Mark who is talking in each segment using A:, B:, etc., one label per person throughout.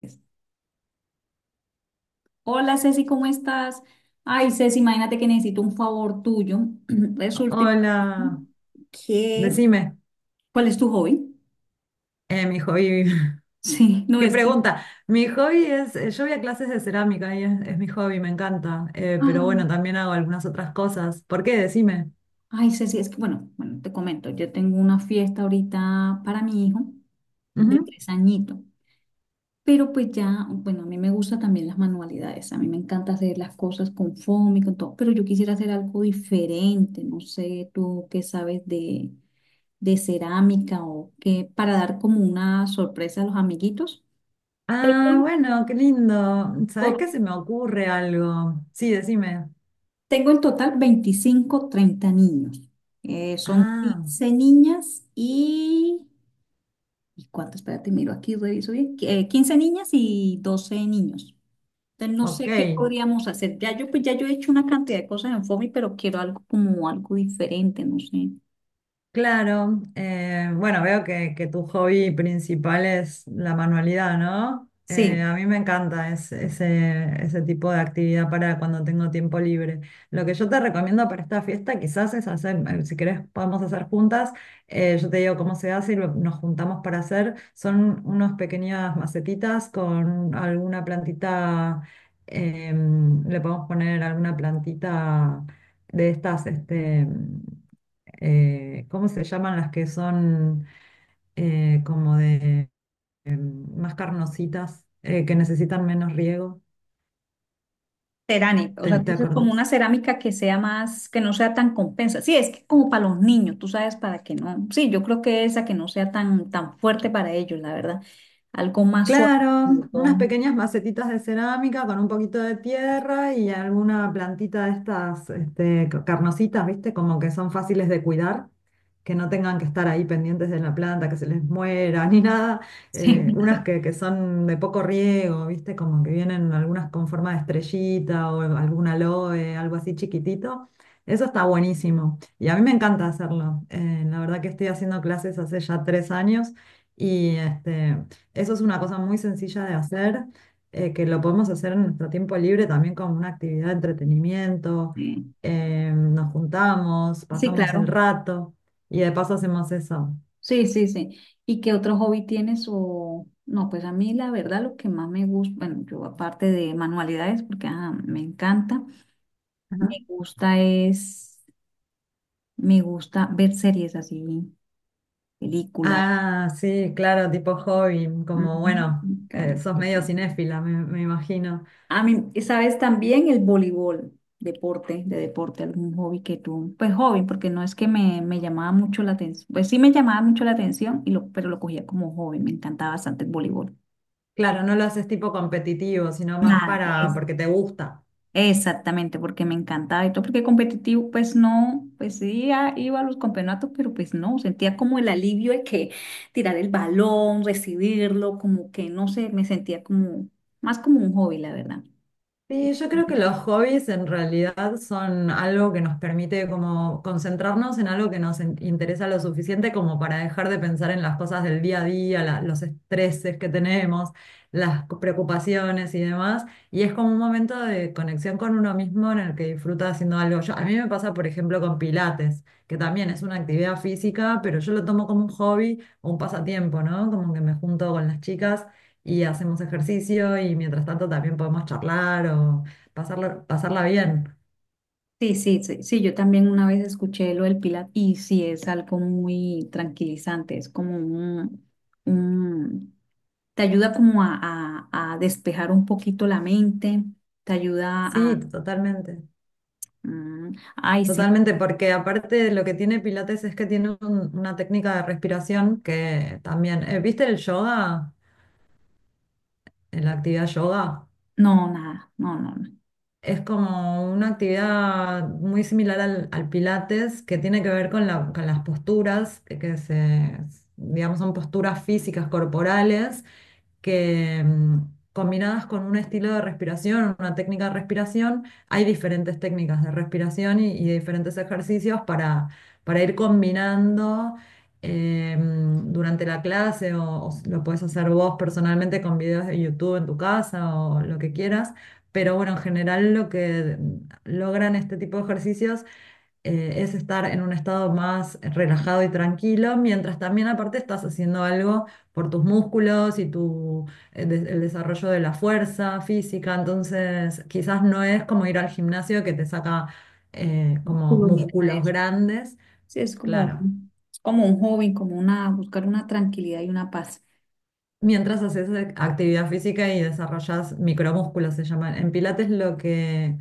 A: Pues, hola Ceci, ¿cómo estás? Ay, Ceci, imagínate que necesito un favor tuyo. Resulta y pasa
B: Hola,
A: que.
B: decime,
A: ¿Cuál es tu hobby?
B: mi hobby,
A: Sí, no
B: qué
A: es que.
B: pregunta. Mi hobby es, yo voy a clases de cerámica y es mi hobby, me encanta. Pero
A: Ay,
B: bueno, también hago algunas otras cosas. ¿Por qué? Decime.
A: ay, Ceci, es que bueno, bueno, te comento, yo tengo una fiesta ahorita para mi hijo de
B: Ujú.
A: tres añitos, pero pues ya, bueno, a mí me gustan también las manualidades, a mí me encanta hacer las cosas con foamy, con todo, pero yo quisiera hacer algo diferente, no sé, tú qué sabes de cerámica o qué, para dar como una sorpresa a los amiguitos. Tengo
B: Ah,
A: en
B: bueno, qué lindo. ¿Sabés qué?
A: to-
B: Se me ocurre algo. Sí, decime.
A: tengo en total 25 30 niños. Son
B: Ah,
A: 15 niñas y. ¿Y cuánto? Espérate, miro aquí, reviso bien. 15 niñas y 12 niños. Entonces, no
B: ok.
A: sé qué podríamos hacer. Pues ya yo he hecho una cantidad de cosas en FOMI, pero quiero algo como algo diferente, no sé.
B: Claro, bueno, veo que tu hobby principal es la manualidad, ¿no?
A: Sí.
B: A mí me encanta ese, ese tipo de actividad para cuando tengo tiempo libre. Lo que yo te recomiendo para esta fiesta quizás es hacer, si querés podemos hacer juntas, yo te digo cómo se hace y nos juntamos para hacer, son unas pequeñas macetitas con alguna plantita, le podemos poner alguna plantita de estas, este, ¿cómo se llaman las que son, como de, más carnositas, que necesitan menos riego?
A: Cerámica, o
B: ¿Te,
A: sea, tú
B: te
A: dices como una
B: acordás?
A: cerámica que sea más, que no sea tan compensa. Sí, es que como para los niños, tú sabes, para que no. Sí, yo creo que esa que no sea tan, tan fuerte para ellos, la verdad. Algo más suave.
B: Claro,
A: Sobre
B: unas
A: todo.
B: pequeñas macetitas de cerámica con un poquito de tierra y alguna plantita de estas, este, carnositas, ¿viste? Como que son fáciles de cuidar, que no tengan que estar ahí pendientes de la planta, que se les muera ni nada.
A: Sí,
B: Unas que son de poco riego, ¿viste? Como que vienen algunas con forma de estrellita o alguna aloe, algo así chiquitito. Eso está buenísimo y a mí me encanta hacerlo. La verdad que estoy haciendo clases hace ya 3 años. Y este, eso es una cosa muy sencilla de hacer, que lo podemos hacer en nuestro tiempo libre también como una actividad de entretenimiento.
A: sí,
B: Nos juntamos,
A: sí,
B: pasamos el
A: claro.
B: rato y de paso hacemos eso.
A: Sí, sí, sí. ¿Y qué otro hobby tienes? O no, pues a mí la verdad lo que más me gusta, bueno, yo aparte de manualidades, porque ah, me encanta, me
B: Ajá.
A: gusta es, me gusta ver series así, películas.
B: Ah, sí, claro, tipo hobby, como bueno,
A: Ujú, Ca- me
B: sos medio cinéfila, me imagino.
A: a mí, y sabes también el voleibol, deporte, de deporte, algún hobby que tú, pues hobby, porque no es que me llamaba mucho la atención, pues sí me llamaba mucho la atención, y lo, pero lo cogía como hobby, me encantaba bastante el voleibol.
B: Claro, no lo haces tipo competitivo, sino más
A: Nada,
B: para
A: es,
B: porque te gusta.
A: exactamente, porque me encantaba y todo, porque competitivo, pues no, pues sí iba a los campeonatos, pero pues no, sentía como el alivio de que tirar el balón, recibirlo, como que no sé, me sentía como, más como un hobby, la verdad.
B: Sí, yo creo que los hobbies en realidad son algo que nos permite como concentrarnos en algo que nos interesa lo suficiente como para dejar de pensar en las cosas del día a día, los estreses que tenemos, preocupaciones y demás. Y es como un momento de conexión con uno mismo en el que disfruta haciendo algo. Yo, a mí me pasa, por ejemplo, con Pilates, que también es una actividad física, pero yo lo tomo como un hobby o un pasatiempo, ¿no? Como que me junto con las chicas y hacemos ejercicio y mientras tanto también podemos charlar o pasarla bien.
A: Sí, sí, sí, sí, yo también una vez escuché lo del Pilates y sí es algo muy tranquilizante, es como un- te ayuda como a despejar un poquito la mente, te ayuda
B: Sí,
A: a,
B: totalmente,
A: mm, ay, sí,
B: totalmente, porque aparte lo que tiene Pilates es que tiene una técnica de respiración que también, ¿viste el yoga? La actividad yoga.
A: no, nada, no, no, no,
B: Es como una actividad muy similar al, al Pilates que tiene que ver con con las posturas, que se, digamos, son posturas físicas corporales que, combinadas con un estilo de respiración, una técnica de respiración, hay diferentes técnicas de respiración y diferentes ejercicios para ir combinando, durante la clase o, lo puedes hacer vos personalmente con videos de YouTube en tu casa o lo que quieras. Pero bueno, en general lo que logran este tipo de ejercicios, es estar en un estado más relajado y tranquilo, mientras también aparte estás haciendo algo por tus músculos y tu, el desarrollo de la fuerza física. Entonces quizás no es como ir al gimnasio que te saca, como
A: músculo ni nada de
B: músculos
A: eso.
B: grandes,
A: Sí, es como,
B: claro.
A: un- es como un hobby, como una, buscar una tranquilidad y una paz.
B: Mientras haces actividad física y desarrollas micromúsculos, se llaman. En Pilates lo que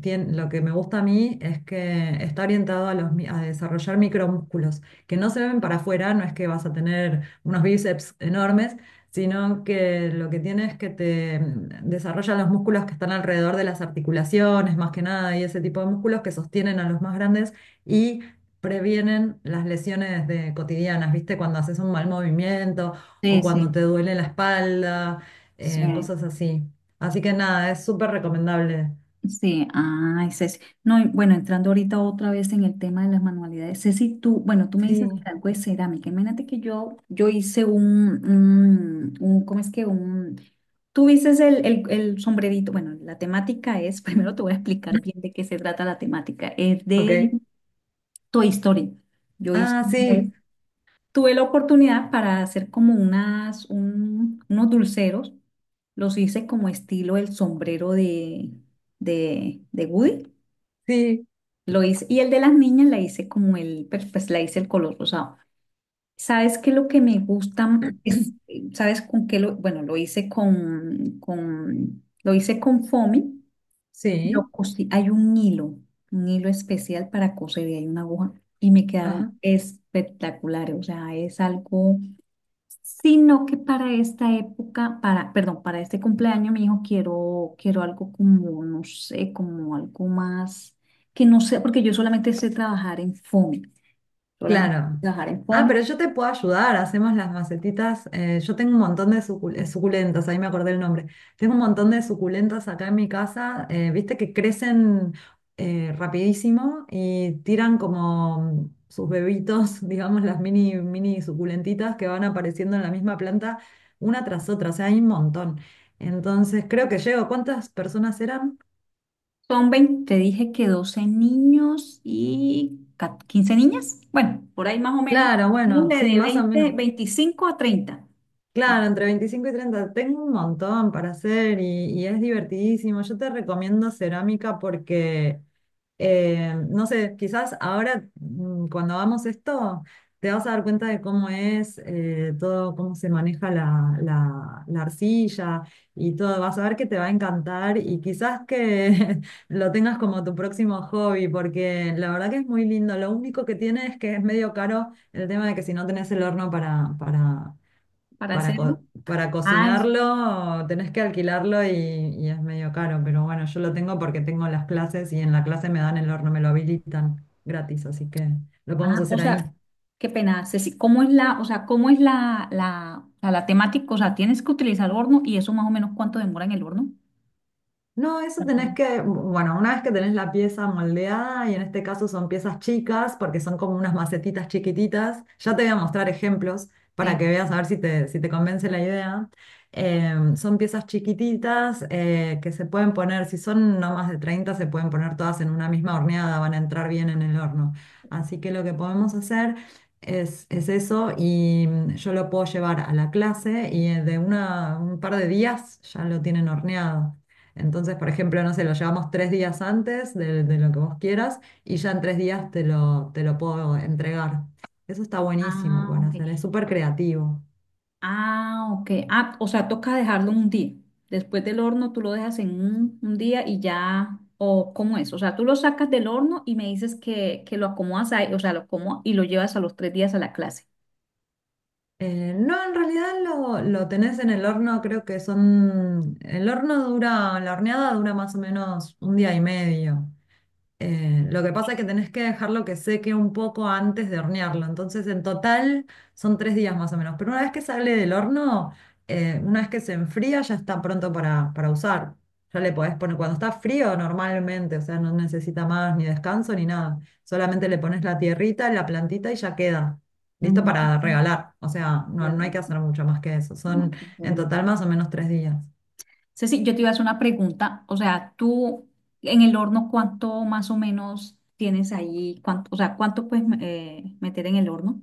B: lo que me gusta a mí es que está orientado a, los, a desarrollar micromúsculos, que no se ven para afuera, no es que vas a tener unos bíceps enormes, sino que lo que tiene es que te, desarrollan los músculos que están alrededor de las articulaciones, más que nada, y ese tipo de músculos que sostienen a los más grandes y previenen las lesiones de, cotidianas, ¿viste? Cuando haces un mal movimiento o
A: Sí,
B: cuando
A: sí,
B: te duele la espalda,
A: sí.
B: cosas así. Así que nada, es súper recomendable.
A: Sí, ay, Ceci. No, y bueno, entrando ahorita otra vez en el tema de las manualidades. Ceci, tú, bueno, tú me dices que
B: Sí.
A: algo de cerámica. Imagínate que yo hice ¿cómo es que? Tú dices el sombrerito. Bueno, la temática es, primero te voy a explicar bien de qué se trata la temática. Es de
B: Ok.
A: Toy Story. Yo hice
B: Ah,
A: una vez-
B: sí,
A: Tuve la oportunidad para hacer como unos dulceros. Los hice como estilo el sombrero de Woody.
B: sí,
A: Lo hice, y el de las niñas la hice como el, pues pues, la hice el color rosado. ¿Sabes qué? Lo que me gusta es, ¿sabes con qué lo, bueno, lo hice con foamy, lo
B: sí.
A: cosí, hay un hilo especial para coser y hay una aguja y me quedaron
B: Ajá,
A: espectaculares, o sea, es algo sino que para esta época, para, perdón, para este cumpleaños, mi hijo, quiero, quiero algo como, no sé, como algo más, que no sé, porque yo solamente sé trabajar en FOMI, solamente sé
B: claro.
A: trabajar en
B: Ah,
A: FOMI.
B: pero yo te puedo ayudar. Hacemos las macetitas. Yo tengo un montón de suculentas, ahí me acordé el nombre. Tengo un montón de suculentas acá en mi casa. Viste que crecen, rapidísimo y tiran como sus bebitos, digamos, las mini suculentitas que van apareciendo en la misma planta una tras otra. O sea, hay un montón. Entonces, creo que llego. ¿Cuántas personas eran?
A: Son 20 te dije que 12 niños y 15 niñas, bueno, por ahí más o menos,
B: Claro, bueno,
A: ponle
B: sí,
A: de
B: más o menos.
A: 20 25 a 30
B: Claro, entre 25 y 30. Tengo un montón para hacer y es divertidísimo. Yo te recomiendo cerámica porque, no sé, quizás ahora, cuando hagamos esto, te vas a dar cuenta de cómo es, todo, cómo se maneja la arcilla y todo. Vas a ver que te va a encantar y quizás que lo tengas como tu próximo hobby porque la verdad que es muy lindo. Lo único que tiene es que es medio caro el tema de que si no tenés el horno
A: para hacerlo.
B: para
A: Ah,
B: cocinarlo tenés que alquilarlo y es medio caro, pero bueno, yo lo tengo porque tengo las clases y en la clase me dan el horno, me lo habilitan gratis, así que lo podemos
A: ah, o
B: hacer ahí.
A: sea, qué pena, Ceci, ¿cómo es la, o sea, cómo es la temática? O sea, tienes que utilizar el horno y eso más o menos cuánto demora en el horno.
B: No, eso
A: Eso.
B: tenés que, bueno, una vez que tenés la pieza moldeada, y en este caso son piezas chicas, porque son como unas macetitas chiquititas, ya te voy a mostrar ejemplos para
A: Sí.
B: que veas a ver si te, si te convence la idea. Son piezas chiquititas, que se pueden poner, si son no más de 30 se pueden poner todas en una misma horneada, van a entrar bien en el horno. Así que lo que podemos hacer es eso y, yo lo puedo llevar a la clase y, un par de días ya lo tienen horneado. Entonces, por ejemplo, no sé, lo llevamos 3 días antes de lo que vos quieras y ya en 3 días te lo puedo entregar. Eso está buenísimo
A: Ah,
B: para hacer, es
A: ok.
B: súper creativo.
A: Ah, ok. Ah, o sea, toca dejarlo un día. Después del horno tú lo dejas en un día y ya, o ¿cómo es? O sea, tú lo sacas del horno y me dices que lo acomodas ahí, o sea, lo acomodas y lo llevas a los 3 días a la clase.
B: No, en realidad lo tenés en el horno, creo que son... El horno dura, la horneada dura más o menos un día y medio. Lo que pasa es que tenés que dejarlo que seque un poco antes de hornearlo. Entonces, en total son 3 días más o menos. Pero una vez que sale del horno, una vez que se enfría, ya está pronto para usar. Ya le podés poner, cuando está frío normalmente, o sea, no necesita más ni descanso ni nada. Solamente le pones la tierrita, la plantita y ya queda. Listo
A: Ujú.
B: para regalar. O sea, no,
A: Ya
B: no hay que hacer mucho
A: la-
B: más que eso. Son
A: Ok,
B: en
A: perdón.
B: total más o menos 3 días.
A: Ceci, yo te iba a hacer una pregunta, o sea, tú en el horno, ¿cuánto más o menos tienes ahí? ¿Cuánto, o sea, cuánto puedes meter en el horno?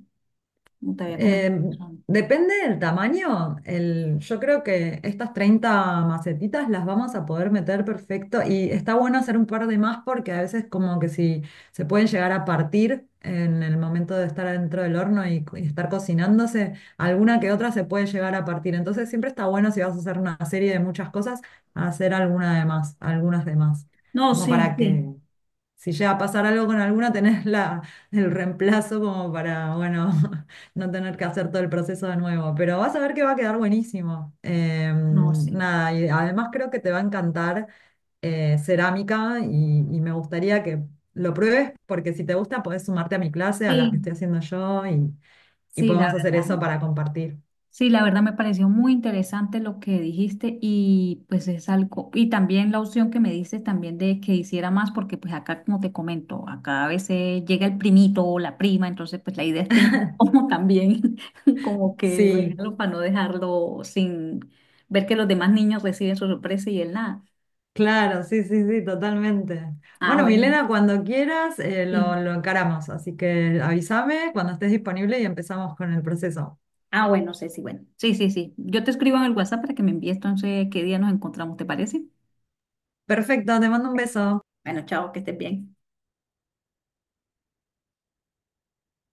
A: Como te había comentado.
B: Eh, Depende del tamaño. El, yo creo que estas 30 macetitas las vamos a poder meter perfecto y está bueno hacer un par de más porque a veces como que si se pueden llegar a partir en el momento de estar adentro del horno y, y estar cocinándose, alguna que otra se puede llegar a partir. Entonces siempre está bueno si vas a hacer una serie de muchas cosas, hacer alguna de más, algunas de más,
A: No,
B: como
A: sí,
B: para
A: sí,
B: que si llega a pasar algo con alguna, tenés la, el reemplazo como para, bueno, no tener que hacer todo el proceso de nuevo. Pero vas a ver que va a quedar buenísimo.
A: no, sí.
B: Nada, y además creo que te va a encantar, cerámica y me gustaría que lo pruebes porque si te gusta podés sumarte a mi clase, a la que estoy
A: Sí,
B: haciendo yo y
A: sí,
B: podemos
A: la
B: hacer
A: verdad.
B: eso para compartir.
A: Sí, la verdad me pareció muy interesante lo que dijiste y pues es algo, y también la opción que me dices también de que hiciera más, porque pues acá como te comento, acá a veces llega el primito o la prima, entonces pues la idea es tener como también como que el
B: Sí.
A: regalo para no dejarlo sin ver que los demás niños reciben su sorpresa y él nada.
B: Claro, sí, sí, sí, totalmente.
A: Ah,
B: Bueno,
A: bueno,
B: Milena, cuando quieras,
A: sí.
B: lo encaramos, así que avísame cuando estés disponible y empezamos con el proceso.
A: Ah, bueno, sí, sí, bueno. Sí, sí, sí. Yo te escribo en el WhatsApp para que me envíes entonces qué día nos encontramos, ¿te parece?
B: Perfecto, te mando un beso.
A: Bueno, chao, que estés bien.